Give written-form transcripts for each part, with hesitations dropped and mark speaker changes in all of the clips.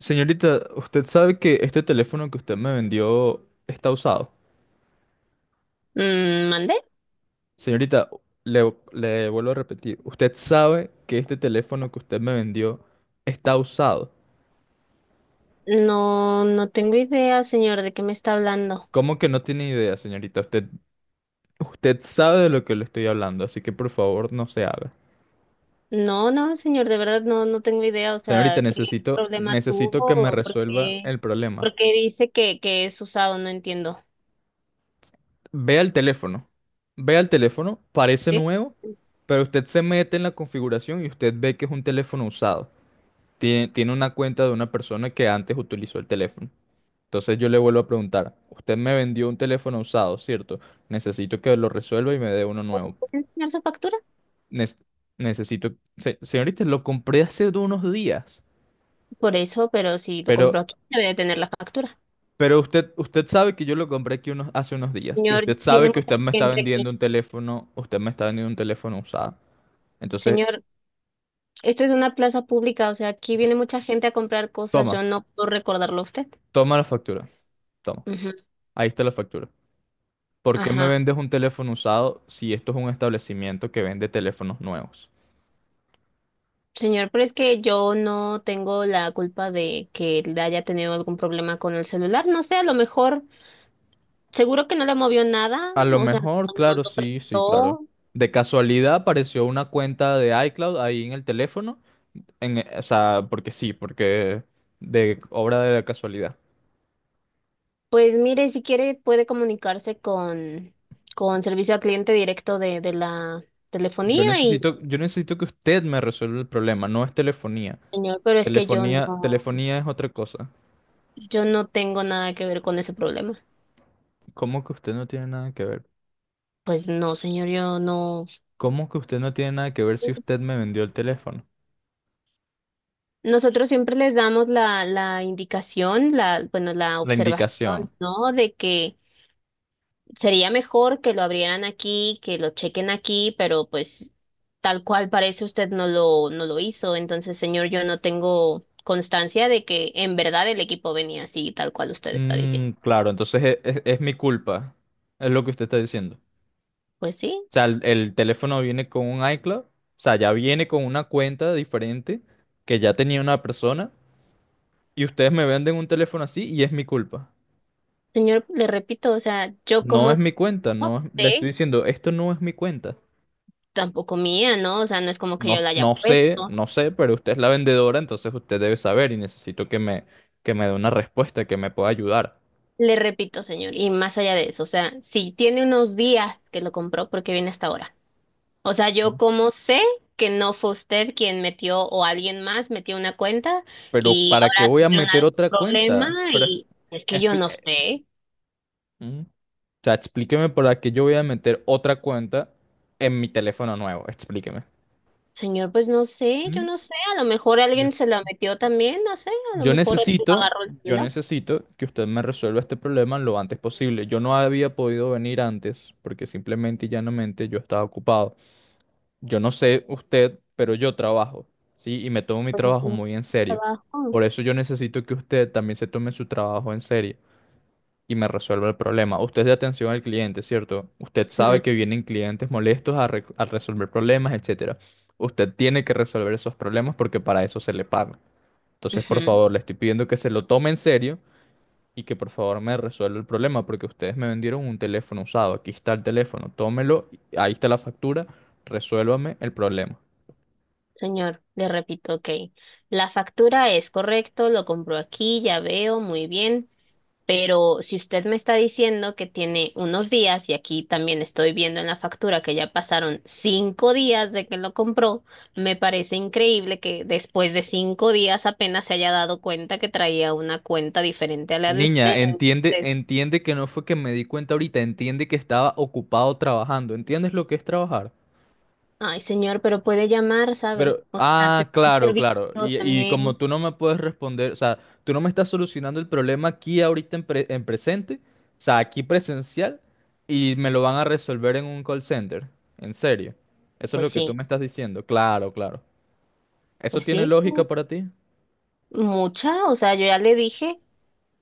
Speaker 1: Señorita, usted sabe que este teléfono que usted me vendió está usado.
Speaker 2: Mm, ¿mande?
Speaker 1: Señorita, le vuelvo a repetir, usted sabe que este teléfono que usted me vendió está usado.
Speaker 2: No, no tengo idea, señor, de qué me está hablando.
Speaker 1: ¿Cómo que no tiene idea, señorita? Usted sabe de lo que le estoy hablando, así que por favor no se haga.
Speaker 2: No, no, señor, de verdad no tengo idea. O
Speaker 1: Señorita,
Speaker 2: sea, ¿qué
Speaker 1: necesito,
Speaker 2: problema
Speaker 1: necesito
Speaker 2: tuvo?
Speaker 1: que me
Speaker 2: ¿O
Speaker 1: resuelva el problema.
Speaker 2: por qué dice que es usado? No entiendo.
Speaker 1: Vea el teléfono. Vea el teléfono, parece
Speaker 2: ¿Sí?
Speaker 1: nuevo, pero usted se mete en la configuración y usted ve que es un teléfono usado. Tiene una cuenta de una persona que antes utilizó el teléfono. Entonces yo le vuelvo a preguntar, usted me vendió un teléfono usado, ¿cierto? Necesito que lo resuelva y me dé uno
Speaker 2: ¿Puede
Speaker 1: nuevo.
Speaker 2: enseñar su factura?
Speaker 1: Nes- Señorita, lo compré hace de unos días,
Speaker 2: Por eso, pero si lo compró
Speaker 1: pero,
Speaker 2: aquí, debe de tener la factura.
Speaker 1: pero usted sabe que yo lo compré aquí unos, hace unos días y
Speaker 2: Señor,
Speaker 1: usted
Speaker 2: viene
Speaker 1: sabe que
Speaker 2: mucha gente aquí.
Speaker 1: usted me está vendiendo un teléfono usado. Entonces,
Speaker 2: Señor, esto es una plaza pública, o sea, aquí viene mucha gente a comprar cosas.
Speaker 1: toma,
Speaker 2: Yo no puedo recordarlo a usted.
Speaker 1: toma la factura, toma,
Speaker 2: Ujú,
Speaker 1: ahí está la factura. ¿Por qué me
Speaker 2: ajá.
Speaker 1: vendes un teléfono usado si esto es un establecimiento que vende teléfonos nuevos?
Speaker 2: Señor, pero es que yo no tengo la culpa de que él haya tenido algún problema con el celular. No sé, a lo mejor, seguro que no le movió nada,
Speaker 1: A lo
Speaker 2: o sea, no,
Speaker 1: mejor,
Speaker 2: no
Speaker 1: claro,
Speaker 2: lo
Speaker 1: sí, sí, claro.
Speaker 2: prestó.
Speaker 1: De casualidad apareció una cuenta de iCloud ahí en el teléfono, o sea, porque sí, porque de obra de la casualidad.
Speaker 2: Pues mire, si quiere puede comunicarse con servicio al cliente directo de la telefonía y,
Speaker 1: Yo necesito que usted me resuelva el problema, no es telefonía.
Speaker 2: señor, pero es que
Speaker 1: Telefonía es otra cosa.
Speaker 2: yo no tengo nada que ver con ese problema.
Speaker 1: ¿Cómo que usted no tiene nada que ver?
Speaker 2: Pues no, señor, yo no.
Speaker 1: ¿Cómo que usted no tiene nada que ver si usted me vendió el teléfono?
Speaker 2: Nosotros siempre les damos la indicación, la, bueno, la
Speaker 1: La
Speaker 2: observación,
Speaker 1: indicación.
Speaker 2: ¿no? De que sería mejor que lo abrieran aquí, que lo chequen aquí, pero pues tal cual parece usted no lo hizo. Entonces, señor, yo no tengo constancia de que en verdad el equipo venía así, tal cual usted está diciendo.
Speaker 1: Claro, entonces es mi culpa. Es lo que usted está diciendo. O
Speaker 2: Pues sí,
Speaker 1: sea, el teléfono viene con un iCloud. O sea, ya viene con una cuenta diferente que ya tenía una persona. Y ustedes me venden un teléfono así y es mi culpa.
Speaker 2: señor, le repito, o sea, yo
Speaker 1: No es
Speaker 2: como
Speaker 1: mi cuenta, no es- le
Speaker 2: usted
Speaker 1: estoy diciendo, esto no es mi cuenta.
Speaker 2: tampoco mía, ¿no? O sea, no es como que yo la haya
Speaker 1: No sé,
Speaker 2: puesto.
Speaker 1: no sé, pero usted es la vendedora, entonces usted debe saber y necesito que me dé una respuesta, que me pueda ayudar.
Speaker 2: Le repito, señor, y más allá de eso, o sea, si tiene unos días que lo compró, ¿por qué viene hasta ahora? O sea, yo como sé que no fue usted quien metió o alguien más metió una cuenta
Speaker 1: Pero
Speaker 2: y
Speaker 1: ¿para qué
Speaker 2: ahora
Speaker 1: voy a
Speaker 2: tuvieron
Speaker 1: meter
Speaker 2: algún
Speaker 1: otra
Speaker 2: problema
Speaker 1: cuenta?
Speaker 2: y es que yo
Speaker 1: Expli-
Speaker 2: no sé.
Speaker 1: eh, O sea, explíqueme para qué yo voy a meter otra cuenta en mi teléfono nuevo. Explíqueme.
Speaker 2: Señor, pues no sé, yo
Speaker 1: ¿Mm?
Speaker 2: no sé. A lo mejor alguien
Speaker 1: Des-
Speaker 2: se la metió también, no sé. A lo
Speaker 1: Yo
Speaker 2: mejor él
Speaker 1: necesito,
Speaker 2: agarró el
Speaker 1: yo
Speaker 2: celular.
Speaker 1: necesito que usted me resuelva este problema lo antes posible. Yo no había podido venir antes porque simplemente y llanamente yo estaba ocupado. Yo no sé usted, pero yo trabajo, ¿sí? Y me tomo mi
Speaker 2: Pues yo
Speaker 1: trabajo
Speaker 2: tengo
Speaker 1: muy en serio.
Speaker 2: trabajo.
Speaker 1: Por eso yo necesito que usted también se tome su trabajo en serio y me resuelva el problema. Usted es de atención al cliente, ¿cierto? Usted
Speaker 2: Ujú,
Speaker 1: sabe que vienen clientes molestos a resolver problemas, etcétera. Usted tiene que resolver esos problemas porque para eso se le paga. Entonces, por
Speaker 2: ujú.
Speaker 1: favor, le estoy pidiendo que se lo tome en serio y que por favor me resuelva el problema porque ustedes me vendieron un teléfono usado. Aquí está el teléfono, tómelo, ahí está la factura, resuélvame el problema.
Speaker 2: Señor, le repito, ok. La factura es correcto, lo compro aquí, ya veo, muy bien. Pero si usted me está diciendo que tiene unos días, y aquí también estoy viendo en la factura que ya pasaron 5 días de que lo compró, me parece increíble que después de 5 días apenas se haya dado cuenta que traía una cuenta diferente a la de usted.
Speaker 1: Niña,
Speaker 2: Entonces,
Speaker 1: entiende que no fue que me di cuenta ahorita, entiende que estaba ocupado trabajando. ¿Entiendes lo que es trabajar?
Speaker 2: ay, señor, pero puede llamar, ¿sabe?
Speaker 1: Pero,
Speaker 2: O sea,
Speaker 1: ah,
Speaker 2: te un
Speaker 1: claro, claro.
Speaker 2: servicio
Speaker 1: Y como
Speaker 2: también.
Speaker 1: tú no me puedes responder, o sea, tú no me estás solucionando el problema aquí ahorita en presente, o sea, aquí presencial, y me lo van a resolver en un call center. En serio. Eso es
Speaker 2: Pues
Speaker 1: lo que tú
Speaker 2: sí,
Speaker 1: me estás diciendo. Claro, claro. ¿Eso
Speaker 2: pues
Speaker 1: tiene
Speaker 2: sí,
Speaker 1: lógica para ti?
Speaker 2: mucha. O sea, yo ya le dije.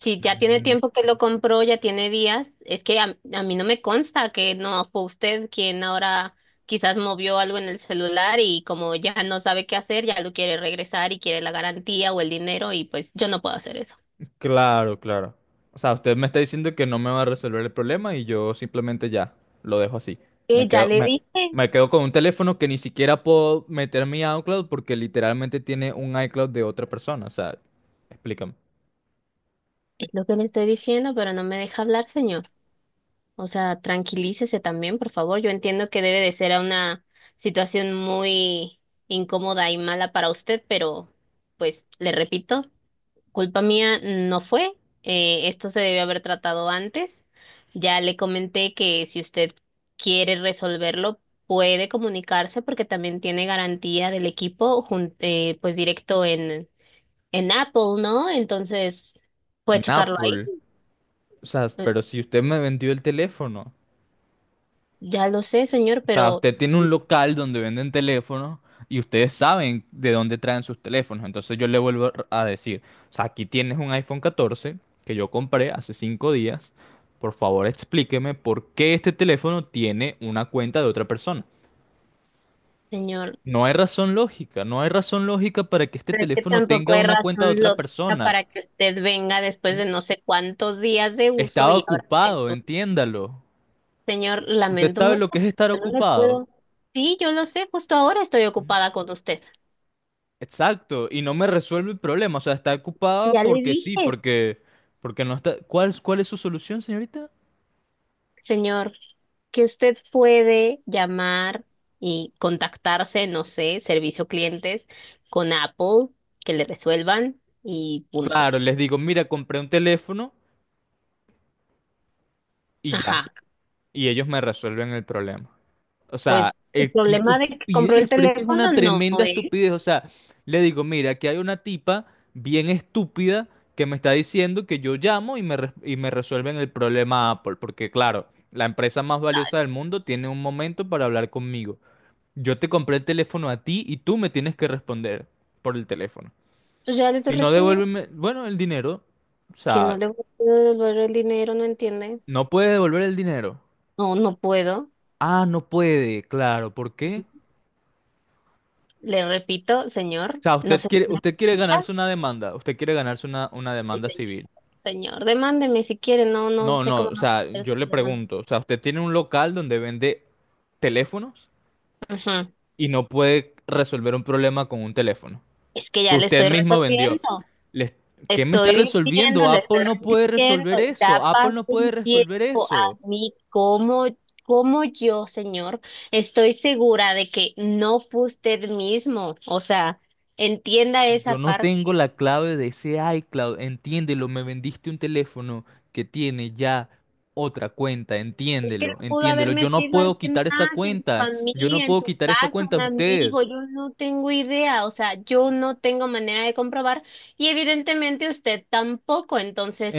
Speaker 2: Si ya tiene tiempo que lo compró, ya tiene días, es que a mí no me consta que no fue usted quien ahora quizás movió algo en el celular y como ya no sabe qué hacer, ya lo quiere regresar y quiere la garantía o el dinero y pues yo no puedo hacer eso.
Speaker 1: Claro, claro. O sea, usted me está diciendo que no me va a resolver el problema y yo simplemente ya lo dejo así. Me
Speaker 2: Ya
Speaker 1: quedo,
Speaker 2: le
Speaker 1: me,
Speaker 2: dije,
Speaker 1: me quedo con un teléfono que ni siquiera puedo meter mi iCloud porque literalmente tiene un iCloud de otra persona. O sea, explícame.
Speaker 2: es lo que le estoy diciendo, pero no me deja hablar, señor. O sea, tranquilícese también, por favor. Yo entiendo que debe de ser una situación muy incómoda y mala para usted, pero pues le repito. Culpa mía no fue. Esto se debe haber tratado antes. Ya le comenté que si usted quiere resolverlo, puede comunicarse porque también tiene garantía del equipo, pues directo en Apple, ¿no? Entonces, puede
Speaker 1: En
Speaker 2: checarlo ahí.
Speaker 1: Apple. O sea,
Speaker 2: Eh,
Speaker 1: pero si usted me vendió el teléfono.
Speaker 2: Ya lo sé,
Speaker 1: O sea, usted tiene un local donde venden teléfonos y ustedes saben de dónde traen sus teléfonos. Entonces yo le vuelvo a decir, o sea, aquí tienes un iPhone 14 que yo compré hace 5 días. Por favor, explíqueme por qué este teléfono tiene una cuenta de otra persona.
Speaker 2: señor,
Speaker 1: No hay razón lógica para que este
Speaker 2: pero es que
Speaker 1: teléfono
Speaker 2: tampoco
Speaker 1: tenga
Speaker 2: hay
Speaker 1: una cuenta de
Speaker 2: razón
Speaker 1: otra
Speaker 2: lógica
Speaker 1: persona.
Speaker 2: para que usted venga después
Speaker 1: ¿Mm?
Speaker 2: de no sé cuántos días de uso
Speaker 1: Estaba
Speaker 2: y ahora
Speaker 1: ocupado, entiéndalo.
Speaker 2: señor,
Speaker 1: ¿Usted
Speaker 2: lamento
Speaker 1: sabe
Speaker 2: mucho,
Speaker 1: lo que es
Speaker 2: pero
Speaker 1: estar
Speaker 2: yo no le
Speaker 1: ocupado?
Speaker 2: puedo. Sí, yo lo sé, justo ahora estoy ocupada con usted.
Speaker 1: Exacto, y no me resuelve el problema, o sea, está ocupada
Speaker 2: Ya le
Speaker 1: porque sí,
Speaker 2: dije,
Speaker 1: porque no está... cuál es su solución, señorita?
Speaker 2: señor, que usted puede llamar y contactarse, no sé, servicio clientes con Apple, que le resuelvan y punto.
Speaker 1: Claro, les digo, mira, compré un teléfono y ya,
Speaker 2: Ajá,
Speaker 1: y ellos me resuelven el problema. O sea,
Speaker 2: pues el
Speaker 1: qué
Speaker 2: problema de que compró el
Speaker 1: estupidez, pero es que es
Speaker 2: teléfono
Speaker 1: una
Speaker 2: no
Speaker 1: tremenda
Speaker 2: es.
Speaker 1: estupidez. O sea, le digo, mira, aquí hay una tipa bien estúpida que me está diciendo que yo llamo y me resuelven el problema Apple, porque claro, la empresa más valiosa del mundo tiene un momento para hablar conmigo. Yo te compré el teléfono a ti y tú me tienes que responder por el teléfono.
Speaker 2: Pues ya le estoy
Speaker 1: Si no
Speaker 2: respondiendo
Speaker 1: devuélveme, bueno, el dinero. O
Speaker 2: que no
Speaker 1: sea,
Speaker 2: le puedo devolver el dinero, ¿no entiende?
Speaker 1: no puede devolver el dinero.
Speaker 2: No, no puedo.
Speaker 1: Ah, no puede, claro. ¿Por qué?
Speaker 2: Le repito, señor,
Speaker 1: Sea,
Speaker 2: no sé si me
Speaker 1: usted quiere
Speaker 2: escucha.
Speaker 1: ganarse una demanda, usted quiere ganarse una
Speaker 2: Ay,
Speaker 1: demanda
Speaker 2: señor,
Speaker 1: civil.
Speaker 2: señor, demándeme si quiere, no, no
Speaker 1: No,
Speaker 2: sé
Speaker 1: no,
Speaker 2: cómo
Speaker 1: o
Speaker 2: va a
Speaker 1: sea,
Speaker 2: hacer
Speaker 1: yo le
Speaker 2: su demanda.
Speaker 1: pregunto, o sea, usted tiene un local donde vende teléfonos
Speaker 2: Ujú.
Speaker 1: y no puede resolver un problema con un teléfono
Speaker 2: Es que
Speaker 1: que
Speaker 2: ya le
Speaker 1: usted
Speaker 2: estoy
Speaker 1: mismo vendió.
Speaker 2: resolviendo,
Speaker 1: Les-
Speaker 2: le
Speaker 1: ¿qué me está
Speaker 2: estoy diciendo,
Speaker 1: resolviendo?
Speaker 2: le estoy repitiendo, ya
Speaker 1: Apple
Speaker 2: pasó
Speaker 1: no puede
Speaker 2: un
Speaker 1: resolver
Speaker 2: tiempo
Speaker 1: eso.
Speaker 2: a mí, como, como yo, señor, estoy segura de que no fue usted mismo, o sea, entienda esa
Speaker 1: Yo no tengo
Speaker 2: parte.
Speaker 1: la clave de ese iCloud, entiéndelo, me vendiste un teléfono que tiene ya otra cuenta,
Speaker 2: Es que
Speaker 1: entiéndelo,
Speaker 2: lo pudo haber
Speaker 1: entiéndelo.
Speaker 2: metido alguien más en su
Speaker 1: Yo no
Speaker 2: familia, en
Speaker 1: puedo
Speaker 2: su
Speaker 1: quitar esa
Speaker 2: casa,
Speaker 1: cuenta
Speaker 2: un
Speaker 1: de usted.
Speaker 2: amigo, yo no tengo idea, o sea, yo no tengo manera de comprobar y evidentemente usted tampoco, entonces,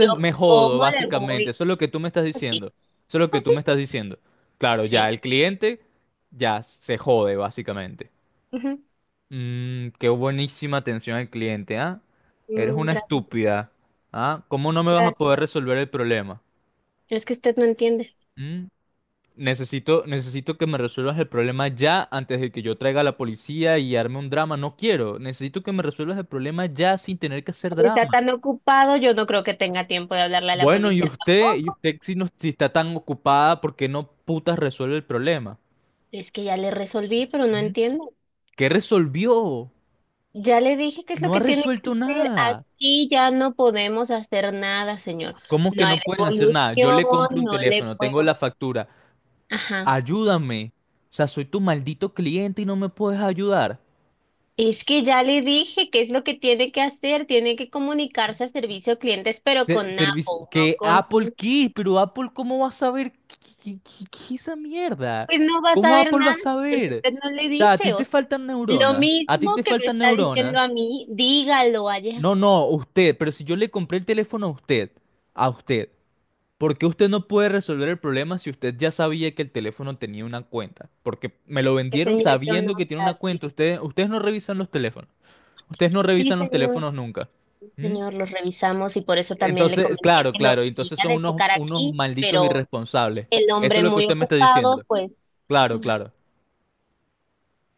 Speaker 2: ¿yo
Speaker 1: me jodo,
Speaker 2: cómo le
Speaker 1: básicamente,
Speaker 2: voy? Pues sí,
Speaker 1: eso es lo que
Speaker 2: pues
Speaker 1: tú
Speaker 2: sí,
Speaker 1: me estás diciendo. Claro, ya
Speaker 2: sí.
Speaker 1: el cliente ya se jode, básicamente.
Speaker 2: Ujú,
Speaker 1: Mm, qué buenísima atención al cliente, ¿ah? Eres
Speaker 2: mm,
Speaker 1: una
Speaker 2: gracias,
Speaker 1: estúpida, ¿ah? ¿Cómo no me vas a
Speaker 2: gracias.
Speaker 1: poder resolver el problema?
Speaker 2: Es que usted no entiende.
Speaker 1: Mm, necesito que me resuelvas el problema ya antes de que yo traiga a la policía y arme un drama. No quiero. Necesito que me resuelvas el problema ya sin tener que hacer
Speaker 2: Está
Speaker 1: drama.
Speaker 2: tan ocupado, yo no creo que tenga tiempo de hablarle a la
Speaker 1: Bueno,
Speaker 2: policía
Speaker 1: y
Speaker 2: tampoco.
Speaker 1: usted si, no, si está tan ocupada, ¿por qué no putas resuelve el problema?
Speaker 2: Es que ya le resolví, pero no
Speaker 1: ¿Mm?
Speaker 2: entiende.
Speaker 1: ¿Qué resolvió?
Speaker 2: Ya le dije qué es lo
Speaker 1: No ha
Speaker 2: que tiene que
Speaker 1: resuelto
Speaker 2: hacer.
Speaker 1: nada.
Speaker 2: Aquí ya no podemos hacer nada, señor.
Speaker 1: ¿Cómo
Speaker 2: No
Speaker 1: que no
Speaker 2: hay
Speaker 1: pueden hacer nada? Yo
Speaker 2: devolución,
Speaker 1: le compro un
Speaker 2: no le
Speaker 1: teléfono, tengo
Speaker 2: puedo.
Speaker 1: la factura.
Speaker 2: Ajá.
Speaker 1: Ayúdame. O sea, soy tu maldito cliente y no me puedes ayudar.
Speaker 2: Es que ya le dije qué es lo que tiene que hacer. Tiene que comunicarse a servicio a clientes, pero con
Speaker 1: Servicio,
Speaker 2: Apple, no
Speaker 1: que
Speaker 2: con
Speaker 1: Apple qué, pero Apple ¿cómo va a saber qué, qué es esa mierda?
Speaker 2: pues no va a
Speaker 1: ¿Cómo
Speaker 2: saber
Speaker 1: Apple va a
Speaker 2: nada porque
Speaker 1: saber?
Speaker 2: usted no le
Speaker 1: O sea,
Speaker 2: dice. O sea, lo
Speaker 1: a ti
Speaker 2: mismo
Speaker 1: te
Speaker 2: que me
Speaker 1: faltan
Speaker 2: está diciendo a
Speaker 1: neuronas.
Speaker 2: mí, dígalo allá.
Speaker 1: No, no, usted, pero si yo le compré el teléfono a usted, ¿por qué usted no puede resolver el problema si usted ya sabía que el teléfono tenía una cuenta? Porque me lo
Speaker 2: Que
Speaker 1: vendieron
Speaker 2: señor, yo no
Speaker 1: sabiendo que tiene una
Speaker 2: sabía.
Speaker 1: cuenta. Ustedes no revisan los teléfonos, ustedes no
Speaker 2: Sí,
Speaker 1: revisan los
Speaker 2: señor.
Speaker 1: teléfonos nunca. ¿Mm?
Speaker 2: Señor, los revisamos y por eso también le
Speaker 1: Entonces,
Speaker 2: comenté
Speaker 1: claro,
Speaker 2: que lo
Speaker 1: claro, entonces
Speaker 2: tenía
Speaker 1: son
Speaker 2: de checar
Speaker 1: unos
Speaker 2: aquí,
Speaker 1: malditos
Speaker 2: pero
Speaker 1: irresponsables.
Speaker 2: el
Speaker 1: Eso es
Speaker 2: hombre
Speaker 1: lo que
Speaker 2: muy
Speaker 1: usted me está diciendo.
Speaker 2: ocupado, pues
Speaker 1: Claro, claro.